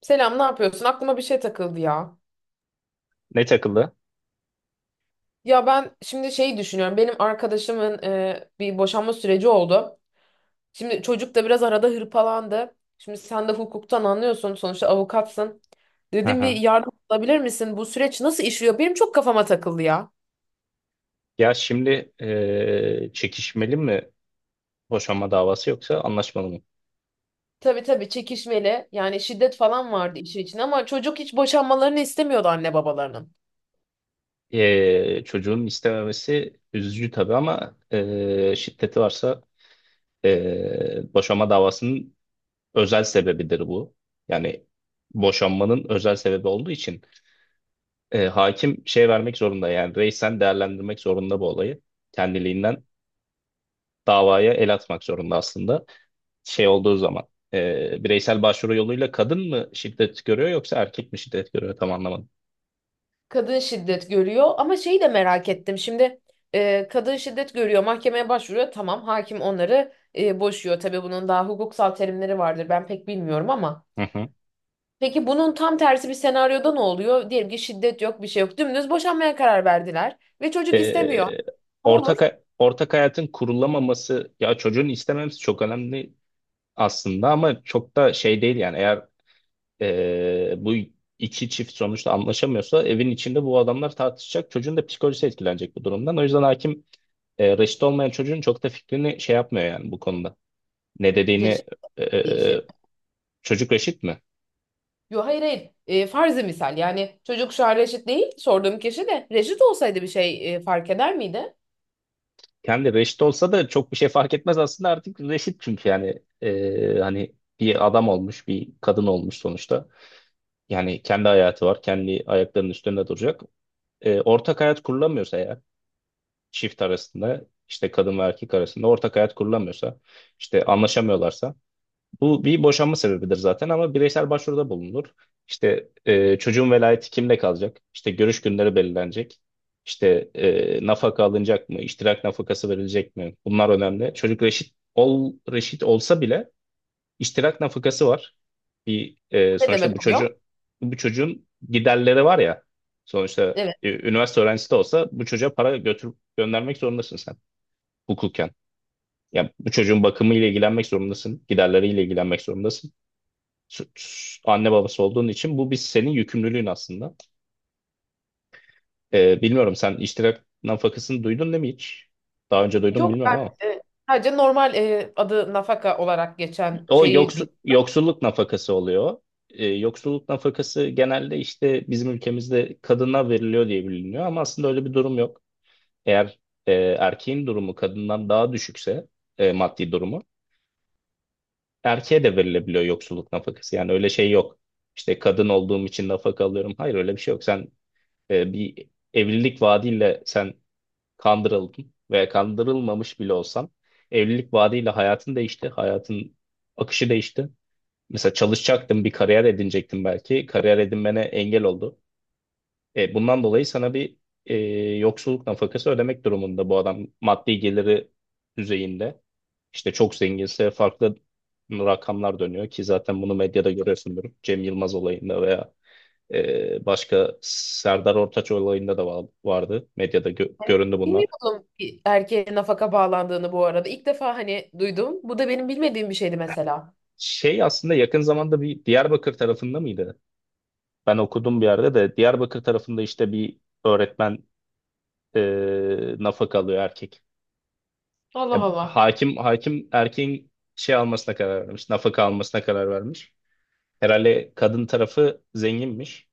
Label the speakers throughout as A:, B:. A: Selam, ne yapıyorsun? Aklıma bir şey takıldı ya.
B: Ne takıldı?
A: Ya ben şimdi şeyi düşünüyorum. Benim arkadaşımın bir boşanma süreci oldu. Şimdi çocuk da biraz arada hırpalandı. Şimdi sen de hukuktan anlıyorsun. Sonuçta avukatsın.
B: Hı
A: Dedim bir
B: hı.
A: yardım alabilir misin? Bu süreç nasıl işliyor? Benim çok kafama takıldı ya.
B: Ya şimdi çekişmeli mi boşanma davası yoksa anlaşmalı mı?
A: Tabii tabii, çekişmeli. Yani şiddet falan vardı işin içinde ama çocuk hiç boşanmalarını istemiyordu anne babalarının.
B: Çocuğun istememesi üzücü tabii ama şiddeti varsa boşanma davasının özel sebebidir bu. Yani boşanmanın özel sebebi olduğu için hakim şey vermek zorunda, yani reisen değerlendirmek zorunda bu olayı. Kendiliğinden davaya el atmak zorunda aslında. Şey olduğu zaman bireysel başvuru yoluyla kadın mı şiddet görüyor yoksa erkek mi şiddet görüyor, tam anlamadım.
A: Kadın şiddet görüyor ama şeyi de merak ettim. Şimdi kadın şiddet görüyor, mahkemeye başvuruyor. Tamam, hakim onları boşuyor. Tabii bunun daha hukuksal terimleri vardır. Ben pek bilmiyorum ama.
B: Hı hı.
A: Peki bunun tam tersi bir senaryoda ne oluyor? Diyelim ki şiddet yok, bir şey yok. Dümdüz boşanmaya karar verdiler ve çocuk istemiyor.
B: E,
A: Ne olur?
B: ortak hayatın kurulamaması ya çocuğun istememesi çok önemli aslında, ama çok da şey değil yani. Eğer bu iki çift sonuçta anlaşamıyorsa, evin içinde bu adamlar tartışacak, çocuğun da psikolojisi etkilenecek bu durumdan. O yüzden hakim reşit olmayan çocuğun çok da fikrini şey yapmıyor yani bu konuda. Ne
A: Reşit
B: dediğini. e,
A: değişir.
B: e, Çocuk reşit mi?
A: Yo, hayır hayır. E, farzı misal. Yani çocuk şu an reşit değil. Sorduğum kişi de reşit olsaydı bir şey fark eder miydi?
B: Kendi reşit olsa da çok bir şey fark etmez aslında, artık reşit çünkü. Yani hani bir adam olmuş, bir kadın olmuş sonuçta. Yani kendi hayatı var, kendi ayaklarının üstünde duracak. Ortak hayat kurulamıyorsa eğer, çift arasında, işte kadın ve erkek arasında ortak hayat kurulamıyorsa, işte anlaşamıyorlarsa, bu bir boşanma sebebidir zaten, ama bireysel başvuruda bulunur. İşte çocuğun velayeti kimde kalacak? İşte görüş günleri belirlenecek. İşte nafaka alınacak mı? İştirak nafakası verilecek mi? Bunlar önemli. Çocuk reşit ol reşit olsa bile iştirak nafakası var.
A: Ne
B: Sonuçta bu
A: demek oluyor?
B: çocuğu, bu çocuğun giderleri var ya. Sonuçta
A: Evet.
B: üniversite öğrencisi de olsa bu çocuğa para götürüp göndermek zorundasın sen, hukuken. Yani bu çocuğun bakımıyla ilgilenmek zorundasın, giderleriyle ilgilenmek zorundasın, süt anne babası olduğun için bu bir senin yükümlülüğün aslında. Bilmiyorum, sen iştirak nafakasını duydun değil mi hiç? Daha önce duydun mu
A: Yok,
B: bilmiyorum
A: ben
B: ama.
A: e, sadece normal adı nafaka olarak geçen
B: O
A: şeyi
B: yoksulluk nafakası oluyor. Yoksulluk nafakası genelde işte bizim ülkemizde kadına veriliyor diye biliniyor, ama aslında öyle bir durum yok. Eğer erkeğin durumu kadından daha düşükse, maddi durumu, erkeğe de verilebiliyor yoksulluk nafakası. Yani öyle şey yok. İşte kadın olduğum için nafaka alıyorum, hayır öyle bir şey yok. Sen bir evlilik vaadiyle sen kandırıldın, veya kandırılmamış bile olsan evlilik vaadiyle hayatın değişti, hayatın akışı değişti. Mesela çalışacaktın, bir kariyer edinecektin belki. Kariyer edinmene engel oldu. Bundan dolayı sana bir e, yoksulluk nafakası ödemek durumunda bu adam, maddi geliri düzeyinde. İşte çok zenginse farklı rakamlar dönüyor ki zaten bunu medyada görüyorsundur. Cem Yılmaz olayında, veya başka Serdar Ortaç olayında da vardı. Medyada gö-
A: Hani
B: göründü bunlar.
A: bilmiyordum ki erkeğe nafaka bağlandığını bu arada. İlk defa hani duydum. Bu da benim bilmediğim bir şeydi mesela.
B: Şey aslında yakın zamanda bir Diyarbakır tarafında mıydı? Ben okudum bir yerde de, Diyarbakır tarafında işte bir öğretmen nafaka alıyor, erkek.
A: Allah
B: Ya,
A: Allah.
B: hakim erkeğin şey almasına karar vermiş, nafaka almasına karar vermiş. Herhalde kadın tarafı zenginmiş.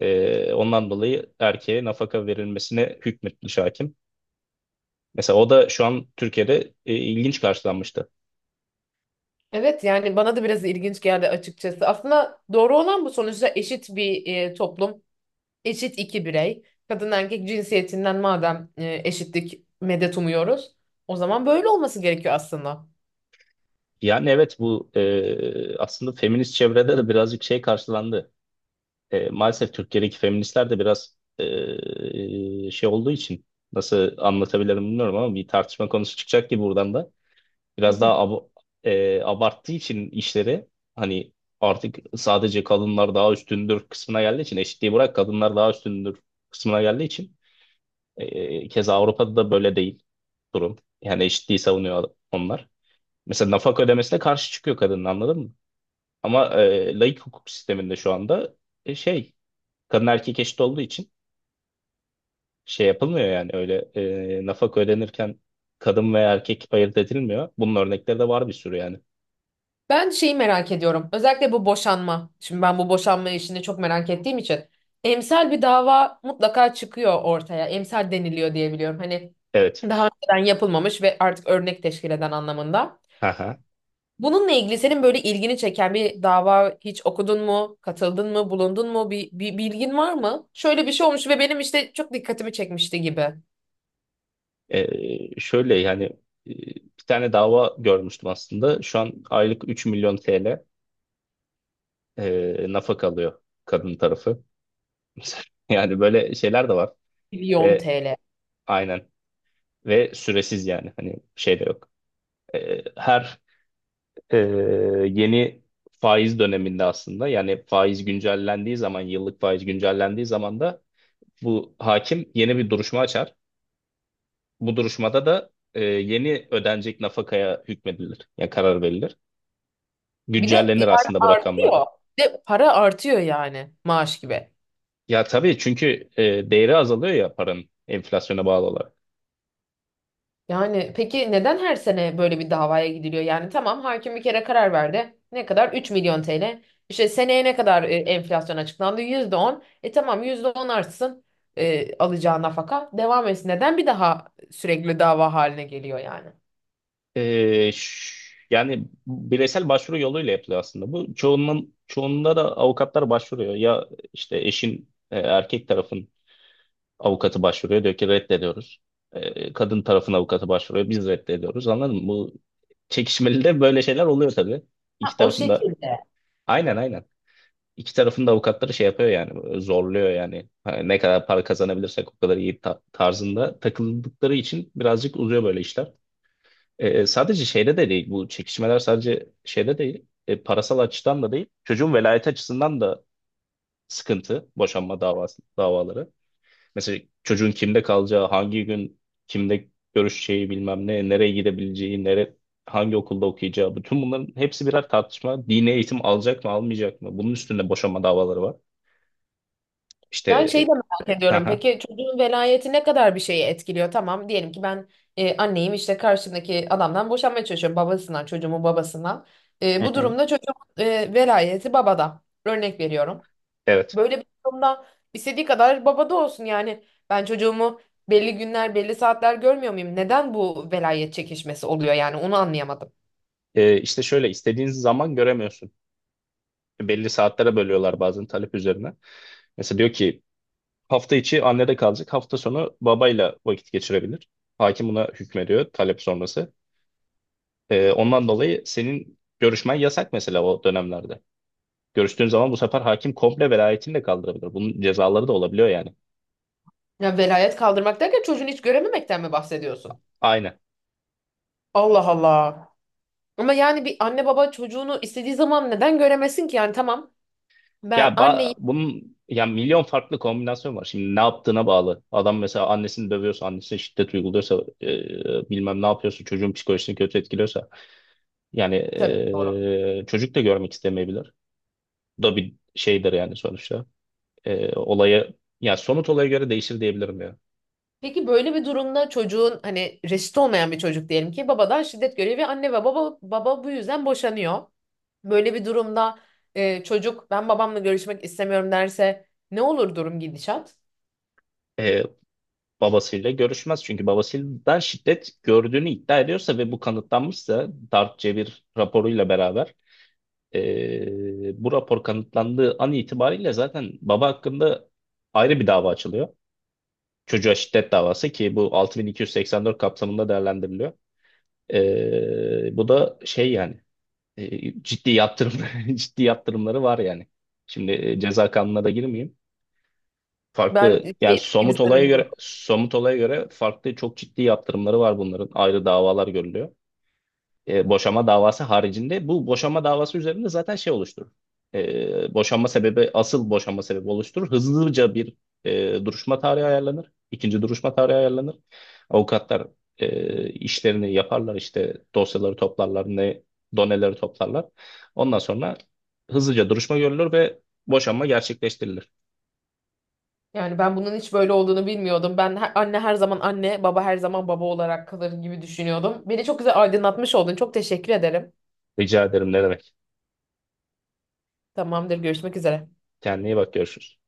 B: Ondan dolayı erkeğe nafaka verilmesine hükmetmiş hakim. Mesela o da şu an Türkiye'de ilginç karşılanmıştı.
A: Evet, yani bana da biraz ilginç geldi açıkçası. Aslında doğru olan bu, sonuçta eşit bir toplum. Eşit iki birey. Kadın erkek cinsiyetinden madem eşitlik medet umuyoruz, o zaman böyle olması gerekiyor aslında.
B: Yani evet, bu aslında feminist çevrede de birazcık şey karşılandı. Maalesef Türkiye'deki feministler de biraz şey olduğu için, nasıl anlatabilirim bilmiyorum, ama bir tartışma konusu çıkacak ki buradan da biraz daha abarttığı için işleri, hani artık sadece kadınlar daha üstündür kısmına geldiği için, eşitliği bırak kadınlar daha üstündür kısmına geldiği için, keza Avrupa'da da böyle değil durum. Yani eşitliği savunuyor onlar. Mesela nafaka ödemesine karşı çıkıyor kadın, anladın mı? Ama laik hukuk sisteminde şu anda şey, kadın erkek eşit olduğu için şey yapılmıyor yani, öyle nafaka ödenirken kadın veya erkek ayırt edilmiyor. Bunun örnekleri de var bir sürü yani.
A: Ben şeyi merak ediyorum. Özellikle bu boşanma. Şimdi ben bu boşanma işini çok merak ettiğim için. Emsal bir dava mutlaka çıkıyor ortaya. Emsal deniliyor diye biliyorum. Hani
B: Evet.
A: daha önceden yapılmamış ve artık örnek teşkil eden anlamında.
B: Haha.
A: Bununla ilgili senin böyle ilgini çeken bir dava hiç okudun mu? Katıldın mı? Bulundun mu? Bir bilgin var mı? Şöyle bir şey olmuş ve benim işte çok dikkatimi çekmişti gibi.
B: Şöyle yani, e, bir tane dava görmüştüm aslında. Şu an aylık 3 milyon TL nafaka alıyor kadın tarafı. Yani böyle şeyler de var.
A: Milyon
B: Ve
A: TL.
B: aynen, ve süresiz, yani hani şey de yok. Her e, yeni faiz döneminde aslında, yani faiz güncellendiği zaman, yıllık faiz güncellendiği zaman da bu hakim yeni bir duruşma açar. Bu duruşmada da yeni ödenecek nafakaya hükmedilir. Yani karar verilir.
A: Bir de
B: Güncellenir
A: yani
B: aslında bu rakamlar.
A: artıyor. Bir de para artıyor, yani maaş gibi.
B: Ya tabii, çünkü değeri azalıyor ya paranın, enflasyona bağlı olarak.
A: Yani peki neden her sene böyle bir davaya gidiliyor? Yani tamam, hakim bir kere karar verdi. Ne kadar? 3.000.000 TL. İşte seneye ne kadar enflasyon açıklandı? %10. E tamam, %10 artsın alacağı nafaka. Devam etsin. Neden bir daha sürekli dava haline geliyor yani?
B: E, ş- Yani bireysel başvuru yoluyla yapılıyor aslında. Bu çoğunun çoğunda da avukatlar başvuruyor. Ya işte eşin, erkek tarafın avukatı başvuruyor, diyor ki reddediyoruz. Kadın tarafın avukatı başvuruyor, biz reddediyoruz, anladın mı? Bu çekişmeli de böyle şeyler oluyor tabii. İki
A: O
B: tarafında
A: şekilde.
B: aynen, aynen. İki tarafın da avukatları şey yapıyor yani, böyle zorluyor yani. Hani ne kadar para kazanabilirsek o kadar iyi tarzında takıldıkları için birazcık uzuyor böyle işler. Sadece şeyde de değil bu çekişmeler, sadece şeyde değil, parasal açıdan da değil, çocuğun velayet açısından da sıkıntı boşanma davaları. Mesela çocuğun kimde kalacağı, hangi gün kimde görüşeceği, bilmem ne, nereye gidebileceği, hangi okulda okuyacağı. Bütün bunların hepsi birer tartışma. Dini eğitim alacak mı, almayacak mı? Bunun üstünde boşanma davaları var. İşte
A: Ben şeyi de merak ediyorum.
B: aha,
A: Peki çocuğun velayeti ne kadar bir şeyi etkiliyor? Tamam, diyelim ki ben anneyim, işte karşımdaki adamdan boşanmaya çalışıyorum. Babasından, çocuğumun babasından. E,
B: hı
A: bu
B: hı, hı.
A: durumda çocuğun velayeti babada. Örnek veriyorum.
B: Evet.
A: Böyle bir durumda istediği kadar baba da olsun yani. Ben çocuğumu belli günler, belli saatler görmüyor muyum? Neden bu velayet çekişmesi oluyor, yani onu anlayamadım.
B: İşte şöyle, istediğin zaman göremiyorsun. Belli saatlere bölüyorlar bazen, talep üzerine. Mesela diyor ki hafta içi annede kalacak, hafta sonu babayla vakit geçirebilir. Hakim buna hükmediyor, talep sonrası. Ondan dolayı senin görüşmen yasak mesela o dönemlerde. Görüştüğün zaman bu sefer hakim komple velayetini de kaldırabilir. Bunun cezaları da olabiliyor yani.
A: Ya, velayet kaldırmak derken çocuğunu hiç görememekten mi bahsediyorsun?
B: Aynen.
A: Allah Allah. Ama yani bir anne baba çocuğunu istediği zaman neden göremesin ki? Yani tamam, ben
B: Ya
A: anneyim,
B: bunun ya milyon farklı kombinasyon var. Şimdi ne yaptığına bağlı. Adam mesela annesini dövüyorsa, annesine şiddet uyguluyorsa, bilmem ne yapıyorsa, çocuğun psikolojisini kötü etkiliyorsa. Yani
A: tabii doğru.
B: çocuk da görmek istemeyebilir. Bu da bir şeydir yani sonuçta. E, olaya, Ya somut olaya göre değişir diyebilirim ya.
A: Peki böyle bir durumda çocuğun, hani reşit olmayan bir çocuk diyelim ki babadan şiddet görüyor ve anne ve baba bu yüzden boşanıyor. Böyle bir durumda çocuk ben babamla görüşmek istemiyorum derse ne olur, durum gidişat?
B: E, Babasıyla görüşmez. Çünkü babasından şiddet gördüğünü iddia ediyorsa ve bu kanıtlanmışsa, Darp Cevir raporuyla beraber, bu rapor kanıtlandığı an itibariyle zaten baba hakkında ayrı bir dava açılıyor. Çocuğa şiddet davası, ki bu 6284 kapsamında değerlendiriliyor. Bu da şey yani, ciddi yaptırım ciddi yaptırımları var yani. Şimdi ceza kanununa da girmeyeyim.
A: Ben
B: Farklı yani,
A: şey gibi
B: somut olaya göre
A: zannediyorum.
B: somut olaya göre farklı, çok ciddi yaptırımları var bunların. Ayrı davalar görülüyor. Boşama davası haricinde, bu boşama davası üzerinde zaten şey oluşturur. Boşanma sebebi, asıl boşanma sebebi oluşturur. Hızlıca bir duruşma tarihi ayarlanır. İkinci duruşma tarihi ayarlanır. Avukatlar işlerini yaparlar, işte dosyaları toplarlar, ne doneleri toplarlar. Ondan sonra hızlıca duruşma görülür ve boşanma gerçekleştirilir.
A: Yani ben bunun hiç böyle olduğunu bilmiyordum. Ben anne her zaman anne, baba her zaman baba olarak kalır gibi düşünüyordum. Beni çok güzel aydınlatmış oldun. Çok teşekkür ederim.
B: Rica ederim, ne demek.
A: Tamamdır, görüşmek üzere.
B: Kendine iyi bak, görüşürüz.